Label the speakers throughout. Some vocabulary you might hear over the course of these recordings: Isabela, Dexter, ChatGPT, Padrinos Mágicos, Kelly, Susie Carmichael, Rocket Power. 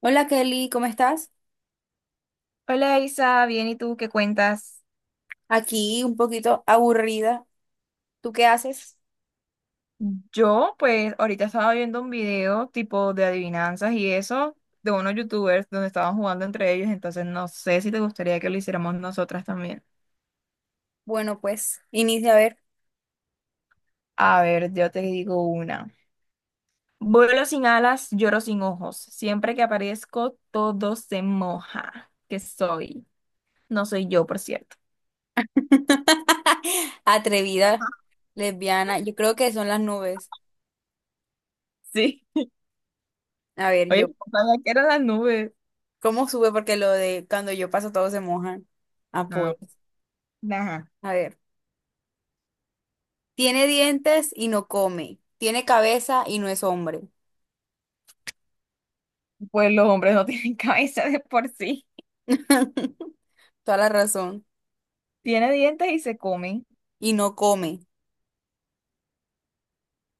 Speaker 1: Hola, Kelly, ¿cómo estás?
Speaker 2: Hola Isa, bien, ¿y tú qué cuentas?
Speaker 1: Aquí un poquito aburrida. ¿Tú qué haces?
Speaker 2: Yo, pues, ahorita estaba viendo un video tipo de adivinanzas y eso de unos youtubers donde estaban jugando entre ellos, entonces no sé si te gustaría que lo hiciéramos nosotras también.
Speaker 1: Bueno, pues inicia a ver.
Speaker 2: A ver, yo te digo una. Vuelo sin alas, lloro sin ojos. Siempre que aparezco, todo se moja. ¿Qué soy? No soy yo, por cierto.
Speaker 1: Atrevida, lesbiana, yo creo que son las nubes.
Speaker 2: Sí.
Speaker 1: A ver,
Speaker 2: Oye,
Speaker 1: yo,
Speaker 2: ojalá que eran las nubes.
Speaker 1: ¿cómo sube? Porque lo de cuando yo paso todos se mojan. Ah, pues,
Speaker 2: No. Ajá.
Speaker 1: a ver. Tiene dientes y no come. Tiene cabeza y no es hombre.
Speaker 2: Pues los hombres no tienen cabeza de por sí.
Speaker 1: Toda la razón.
Speaker 2: Tiene dientes y se come
Speaker 1: Y no come.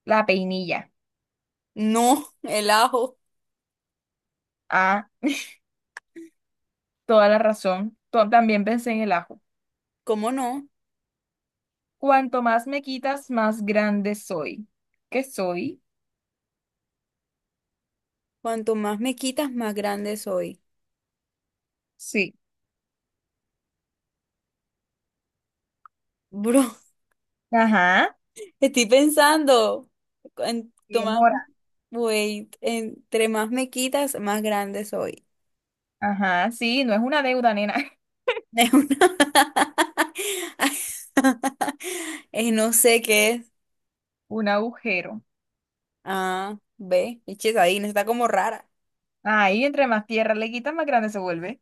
Speaker 2: la peinilla.
Speaker 1: No, el ajo.
Speaker 2: Ah, toda la razón. También pensé en el ajo.
Speaker 1: ¿Cómo no?
Speaker 2: Cuanto más me quitas, más grande soy. ¿Qué soy?
Speaker 1: Cuanto más me quitas, más grande soy.
Speaker 2: Sí.
Speaker 1: Bro.
Speaker 2: Ajá.
Speaker 1: Estoy pensando, en, tomar
Speaker 2: Demora.
Speaker 1: entre más me quitas, más grande soy.
Speaker 2: Ajá, sí, no es una deuda, nena.
Speaker 1: Es una- no sé qué es.
Speaker 2: Un agujero.
Speaker 1: Ah, ve, eches ahí, no está como rara.
Speaker 2: Ahí, entre más tierra le quitas, más grande se vuelve.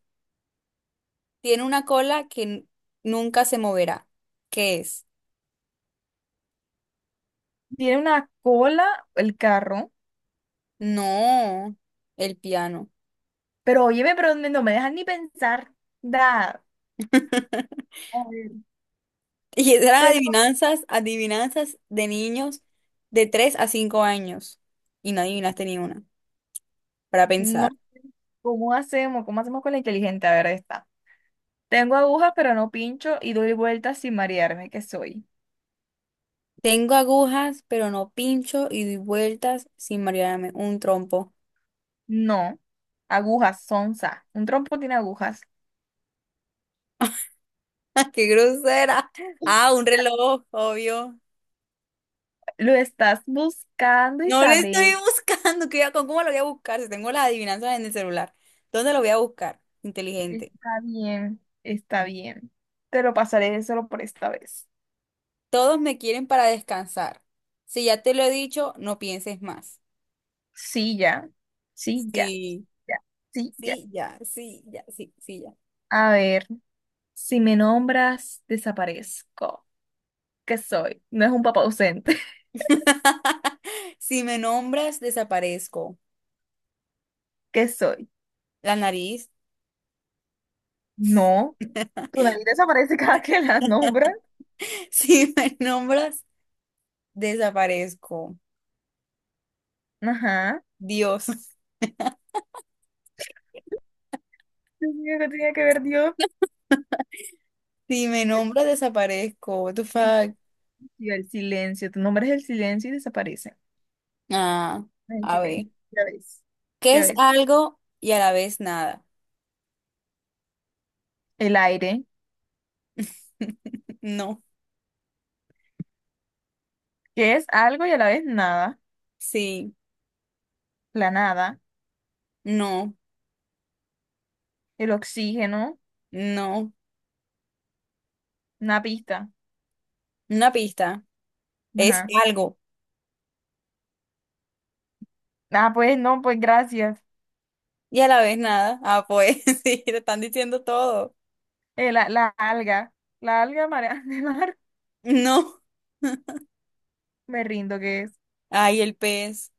Speaker 1: Tiene una cola que nunca se moverá. ¿Qué es?
Speaker 2: Tiene una cola el carro.
Speaker 1: No, el piano.
Speaker 2: Pero óyeme, pero no me dejan ni pensar. Da. A ver,
Speaker 1: Y eran
Speaker 2: tengo.
Speaker 1: adivinanzas, adivinanzas de niños de 3 a 5 años. Y no adivinaste ni una, para
Speaker 2: No,
Speaker 1: pensar.
Speaker 2: ¿cómo hacemos? ¿Cómo hacemos con la inteligente? A ver, está. Tengo agujas, pero no pincho y doy vueltas sin marearme, ¿qué soy?
Speaker 1: Tengo agujas, pero no pincho y doy vueltas sin marearme. Un trompo.
Speaker 2: No. Agujas, sonza. Un trompo tiene agujas.
Speaker 1: ¡Qué grosera! Ah, un reloj, obvio.
Speaker 2: Lo estás buscando,
Speaker 1: No lo estoy
Speaker 2: Isabel.
Speaker 1: buscando. ¿Qué- con ¿Cómo lo voy a buscar? Si tengo las adivinanzas en el celular. ¿Dónde lo voy a buscar? Inteligente.
Speaker 2: Está bien, está bien. Te lo pasaré solo por esta vez.
Speaker 1: Todos me quieren para descansar. Si ya te lo he dicho, no pienses más.
Speaker 2: Sí, ya. Sí, ya.
Speaker 1: Sí,
Speaker 2: Ya. Sí, ya.
Speaker 1: sí, ya, sí, ya, sí, sí, ya.
Speaker 2: A ver, si me nombras, desaparezco. ¿Qué soy? No es un papá ausente.
Speaker 1: Si me nombras, desaparezco.
Speaker 2: ¿Qué soy?
Speaker 1: La nariz.
Speaker 2: No. ¿Tu nariz desaparece cada que la nombras?
Speaker 1: Si me nombras, desaparezco.
Speaker 2: Ajá.
Speaker 1: Dios,
Speaker 2: Dios mío, ¿qué tenía que ver Dios?
Speaker 1: si me nombra desaparezco. What the
Speaker 2: El,
Speaker 1: fuck?
Speaker 2: sí, el silencio, tú nombras el silencio y desaparece.
Speaker 1: Ah,
Speaker 2: Ah, el
Speaker 1: a
Speaker 2: silencio,
Speaker 1: ver.
Speaker 2: ya ves,
Speaker 1: ¿Qué
Speaker 2: ya
Speaker 1: es
Speaker 2: ves.
Speaker 1: algo y a la vez nada?
Speaker 2: El aire,
Speaker 1: No,
Speaker 2: que es algo y a la vez nada,
Speaker 1: sí,
Speaker 2: la nada.
Speaker 1: no,
Speaker 2: El oxígeno,
Speaker 1: no.
Speaker 2: una pista.
Speaker 1: Una pista. Es
Speaker 2: Ajá.
Speaker 1: algo
Speaker 2: Ah, pues no, pues gracias.
Speaker 1: y a la vez nada. Ah, pues sí, te están diciendo todo.
Speaker 2: Eh, la, la alga, la alga marea de mar,
Speaker 1: No.
Speaker 2: me rindo, ¿que es?
Speaker 1: Ay, el pez.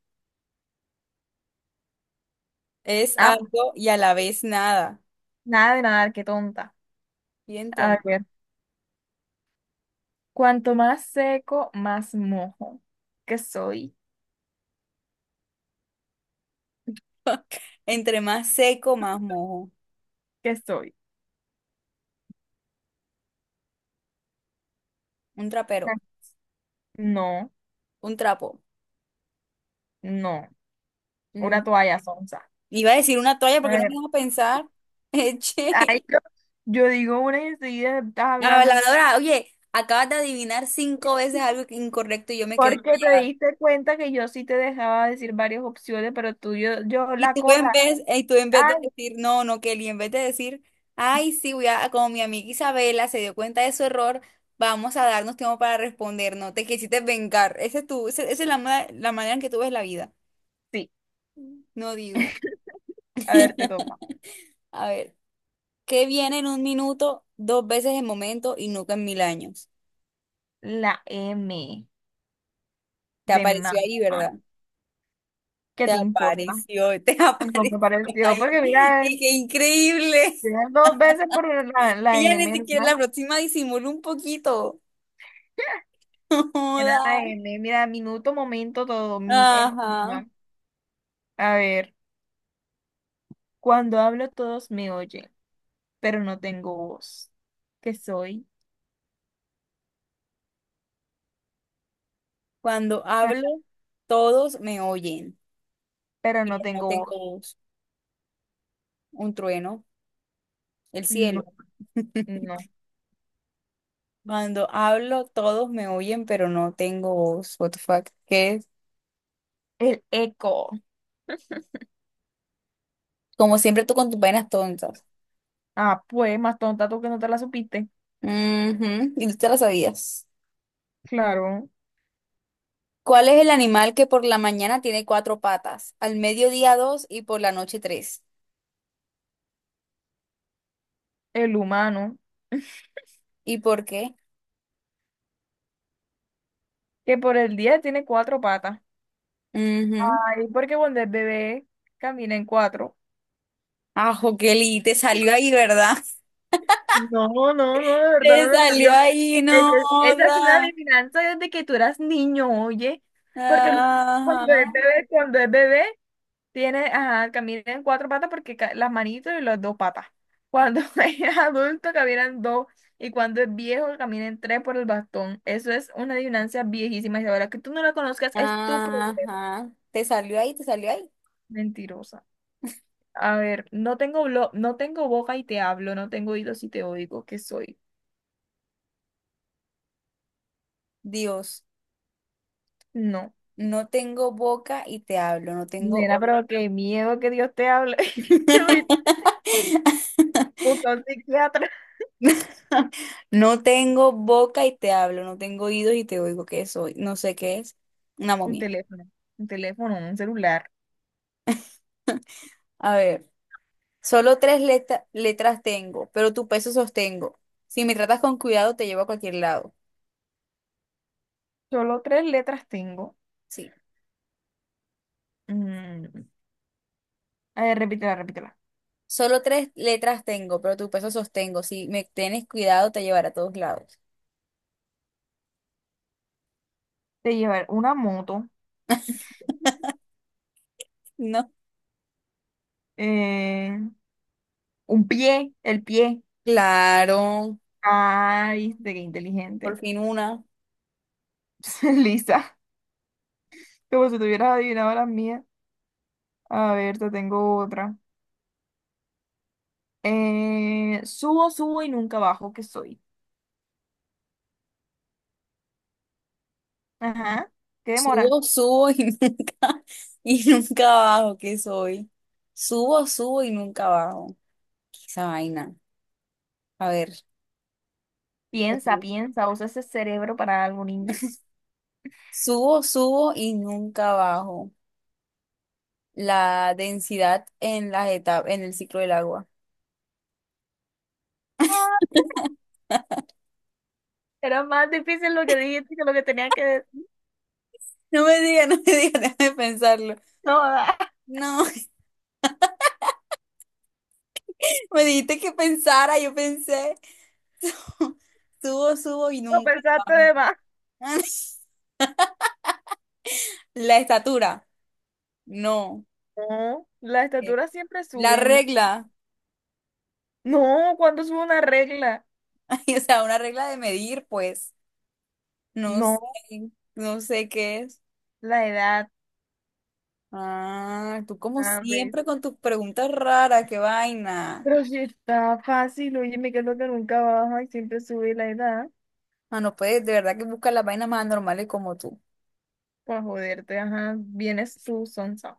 Speaker 1: Es
Speaker 2: Ah,
Speaker 1: algo y a la vez nada.
Speaker 2: nada de nadar, qué tonta.
Speaker 1: Y
Speaker 2: A
Speaker 1: entonces,
Speaker 2: ver, cuanto más seco, más mojo. ¿Qué soy?
Speaker 1: entre más seco, más mojo.
Speaker 2: ¿Qué soy?
Speaker 1: Un trapero,
Speaker 2: Ah, no,
Speaker 1: un trapo.
Speaker 2: no.
Speaker 1: Mm,
Speaker 2: Una toalla sonsa.
Speaker 1: Iba a decir una toalla porque no me iba a pensar. Eche.
Speaker 2: Ay, yo digo una y enseguida estás
Speaker 1: La
Speaker 2: hablando.
Speaker 1: lavadora, oye, acabas de adivinar cinco veces algo que- incorrecto y yo me quedé
Speaker 2: Porque te
Speaker 1: callada.
Speaker 2: diste cuenta que yo sí te dejaba decir varias opciones, pero tú, yo
Speaker 1: Y
Speaker 2: la
Speaker 1: tú
Speaker 2: cola.
Speaker 1: en vez, y tú en vez de
Speaker 2: Ay,
Speaker 1: decir, no, no, Kelly, en vez de decir, ay, sí, voy a, como mi amiga Isabela se dio cuenta de su error, vamos a darnos tiempo para responder, no te quisiste vengar. Ese es tu, ese- esa es la manera en que tú ves la vida.
Speaker 2: sí.
Speaker 1: No digo.
Speaker 2: A ver, te toca.
Speaker 1: A ver, ¿qué viene en un minuto, dos veces en momento y nunca en mil años?
Speaker 2: La M
Speaker 1: Te
Speaker 2: de
Speaker 1: apareció
Speaker 2: mamá.
Speaker 1: ahí, ¿verdad?
Speaker 2: ¿Qué
Speaker 1: Te
Speaker 2: te importa?
Speaker 1: apareció, te
Speaker 2: Algo
Speaker 1: apareció
Speaker 2: que pareció,
Speaker 1: ahí.
Speaker 2: porque mira,
Speaker 1: Y qué increíble.
Speaker 2: mira, dos veces por la
Speaker 1: Ella ni
Speaker 2: M,
Speaker 1: siquiera
Speaker 2: ¿verdad?
Speaker 1: la próxima disimuló un poquito.
Speaker 2: Era
Speaker 1: Joda.
Speaker 2: la M. Mira, minuto, momento, todo. Mi ex,
Speaker 1: Ajá.
Speaker 2: ¿verdad? A ver, cuando hablo todos me oyen, pero no tengo voz. ¿Qué soy?
Speaker 1: Cuando hablo, todos me oyen.
Speaker 2: Pero
Speaker 1: Y
Speaker 2: no
Speaker 1: no
Speaker 2: tengo voz.
Speaker 1: tengo voz. Un trueno, el
Speaker 2: No,
Speaker 1: cielo.
Speaker 2: no.
Speaker 1: Cuando hablo, todos me oyen, pero no tengo voz. What the fuck? ¿Qué es?
Speaker 2: El eco.
Speaker 1: Como siempre tú con tus vainas tontas.
Speaker 2: Ah, pues, más tonta tú que no te la supiste.
Speaker 1: Ujú, y tú te las sabías.
Speaker 2: Claro,
Speaker 1: ¿Cuál es el animal que por la mañana tiene cuatro patas, al mediodía dos y por la noche tres?
Speaker 2: el humano,
Speaker 1: ¿Y por qué?
Speaker 2: que por el día tiene cuatro patas.
Speaker 1: Ujú.
Speaker 2: Ay, porque cuando es bebé camina en cuatro.
Speaker 1: Ajo, Kelly, te salió ahí, ¿verdad?
Speaker 2: No, no, no, de verdad
Speaker 1: Te
Speaker 2: no me
Speaker 1: salió
Speaker 2: salió.
Speaker 1: ahí, no.
Speaker 2: Esa es una
Speaker 1: Joda.
Speaker 2: adivinanza desde que tú eras niño, oye. Porque
Speaker 1: Ajá.
Speaker 2: cuando es bebé, tiene, ajá, camina en cuatro patas porque las manitos y las dos patas. Cuando es adulto caminan dos y cuando es viejo camina en tres por el bastón. Eso es una adivinanza viejísima y ahora que tú no la conozcas es tu problema.
Speaker 1: Ajá. Te salió ahí, te salió ahí.
Speaker 2: Mentirosa. A ver, no tengo boca y te hablo, no tengo oídos y te oigo, ¿qué soy?
Speaker 1: Dios,
Speaker 2: No.
Speaker 1: no tengo boca y te hablo, no tengo
Speaker 2: Nena,
Speaker 1: oído.
Speaker 2: pero qué miedo que Dios te hable. Uy, busca un psiquiatra.
Speaker 1: No tengo boca y te hablo, no tengo oídos y te oigo. ¿Qué soy? No sé qué es. Una
Speaker 2: Un
Speaker 1: momia.
Speaker 2: teléfono, un teléfono, un celular.
Speaker 1: A ver, solo tres letras tengo, pero tu peso sostengo. Si me tratas con cuidado, te llevo a cualquier lado.
Speaker 2: Solo tres letras tengo.
Speaker 1: Sí.
Speaker 2: Mm, a ver, repítela, repítela.
Speaker 1: Solo tres letras tengo, pero tu peso sostengo. Si me tienes cuidado, te llevaré a todos lados.
Speaker 2: De llevar una moto,
Speaker 1: No.
Speaker 2: eh, un pie, el pie.
Speaker 1: Claro,
Speaker 2: Ah, viste, qué
Speaker 1: por
Speaker 2: inteligente.
Speaker 1: fin una.
Speaker 2: Lisa, como si tuvieras adivinado las mías. A ver, te tengo otra. Subo, subo y nunca bajo, ¿que soy? Ajá, ¿qué demora?
Speaker 1: Subo, subo y nunca, y nunca bajo, ¿qué soy? Subo, subo y nunca bajo. ¿Qué es esa vaina? A ver.
Speaker 2: Piensa,
Speaker 1: Ujú.
Speaker 2: piensa, usa ese cerebro para algo, niña.
Speaker 1: Subo, subo y nunca bajo. La densidad en las etapas, en el ciclo del agua.
Speaker 2: Ah, era más difícil lo que dijiste que lo que tenía que decir.
Speaker 1: No me digas, no me digas, déjame pensarlo.
Speaker 2: No, ah,
Speaker 1: No, me dijiste que pensara, yo pensé. Subo, subo y
Speaker 2: lo
Speaker 1: nunca
Speaker 2: pensaste
Speaker 1: bajo.
Speaker 2: de más.
Speaker 1: La estatura, no.
Speaker 2: No, la
Speaker 1: Eh,
Speaker 2: estatura siempre
Speaker 1: la
Speaker 2: sube, ¿no?
Speaker 1: regla,
Speaker 2: No, ¿cuándo sube una regla?
Speaker 1: ay, o sea, una regla de medir, pues, no sé,
Speaker 2: No,
Speaker 1: no sé qué es.
Speaker 2: la edad,
Speaker 1: Ah, tú como
Speaker 2: hombre.
Speaker 1: siempre con tus preguntas raras, qué vaina.
Speaker 2: Pero si está fácil, óyeme, que es lo que nunca baja y siempre sube la edad.
Speaker 1: Ah, no puedes, de verdad que buscas las vainas más anormales como tú.
Speaker 2: Pues joderte, ajá, vienes tú, sonsa.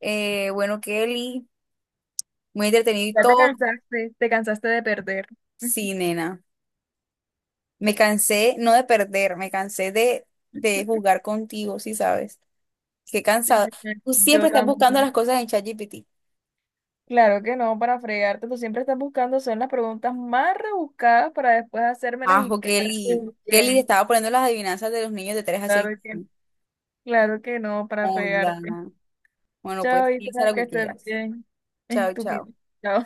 Speaker 1: Bueno, Kelly, muy entretenido y
Speaker 2: Ya
Speaker 1: todo.
Speaker 2: te cansaste de perder.
Speaker 1: Sí, nena. Me cansé, no de perder, me cansé de jugar contigo, sí sabes. Qué cansado. Tú siempre
Speaker 2: Yo
Speaker 1: estás buscando las
Speaker 2: también.
Speaker 1: cosas en ChatGPT.
Speaker 2: Claro que no, para fregarte, tú siempre estás buscando, son las preguntas más rebuscadas para después hacérmelas y
Speaker 1: Ajo,
Speaker 2: quedarte
Speaker 1: Kelly. Kelly le
Speaker 2: bien.
Speaker 1: estaba poniendo las adivinanzas de los niños de 3 a seis.
Speaker 2: Claro que, claro que no, para fregarte.
Speaker 1: Hola. Bueno,
Speaker 2: Chao,
Speaker 1: pues
Speaker 2: y
Speaker 1: piensa lo
Speaker 2: que
Speaker 1: que
Speaker 2: estés
Speaker 1: quieras.
Speaker 2: bien.
Speaker 1: Chao, chao.
Speaker 2: Estúpido. Chao.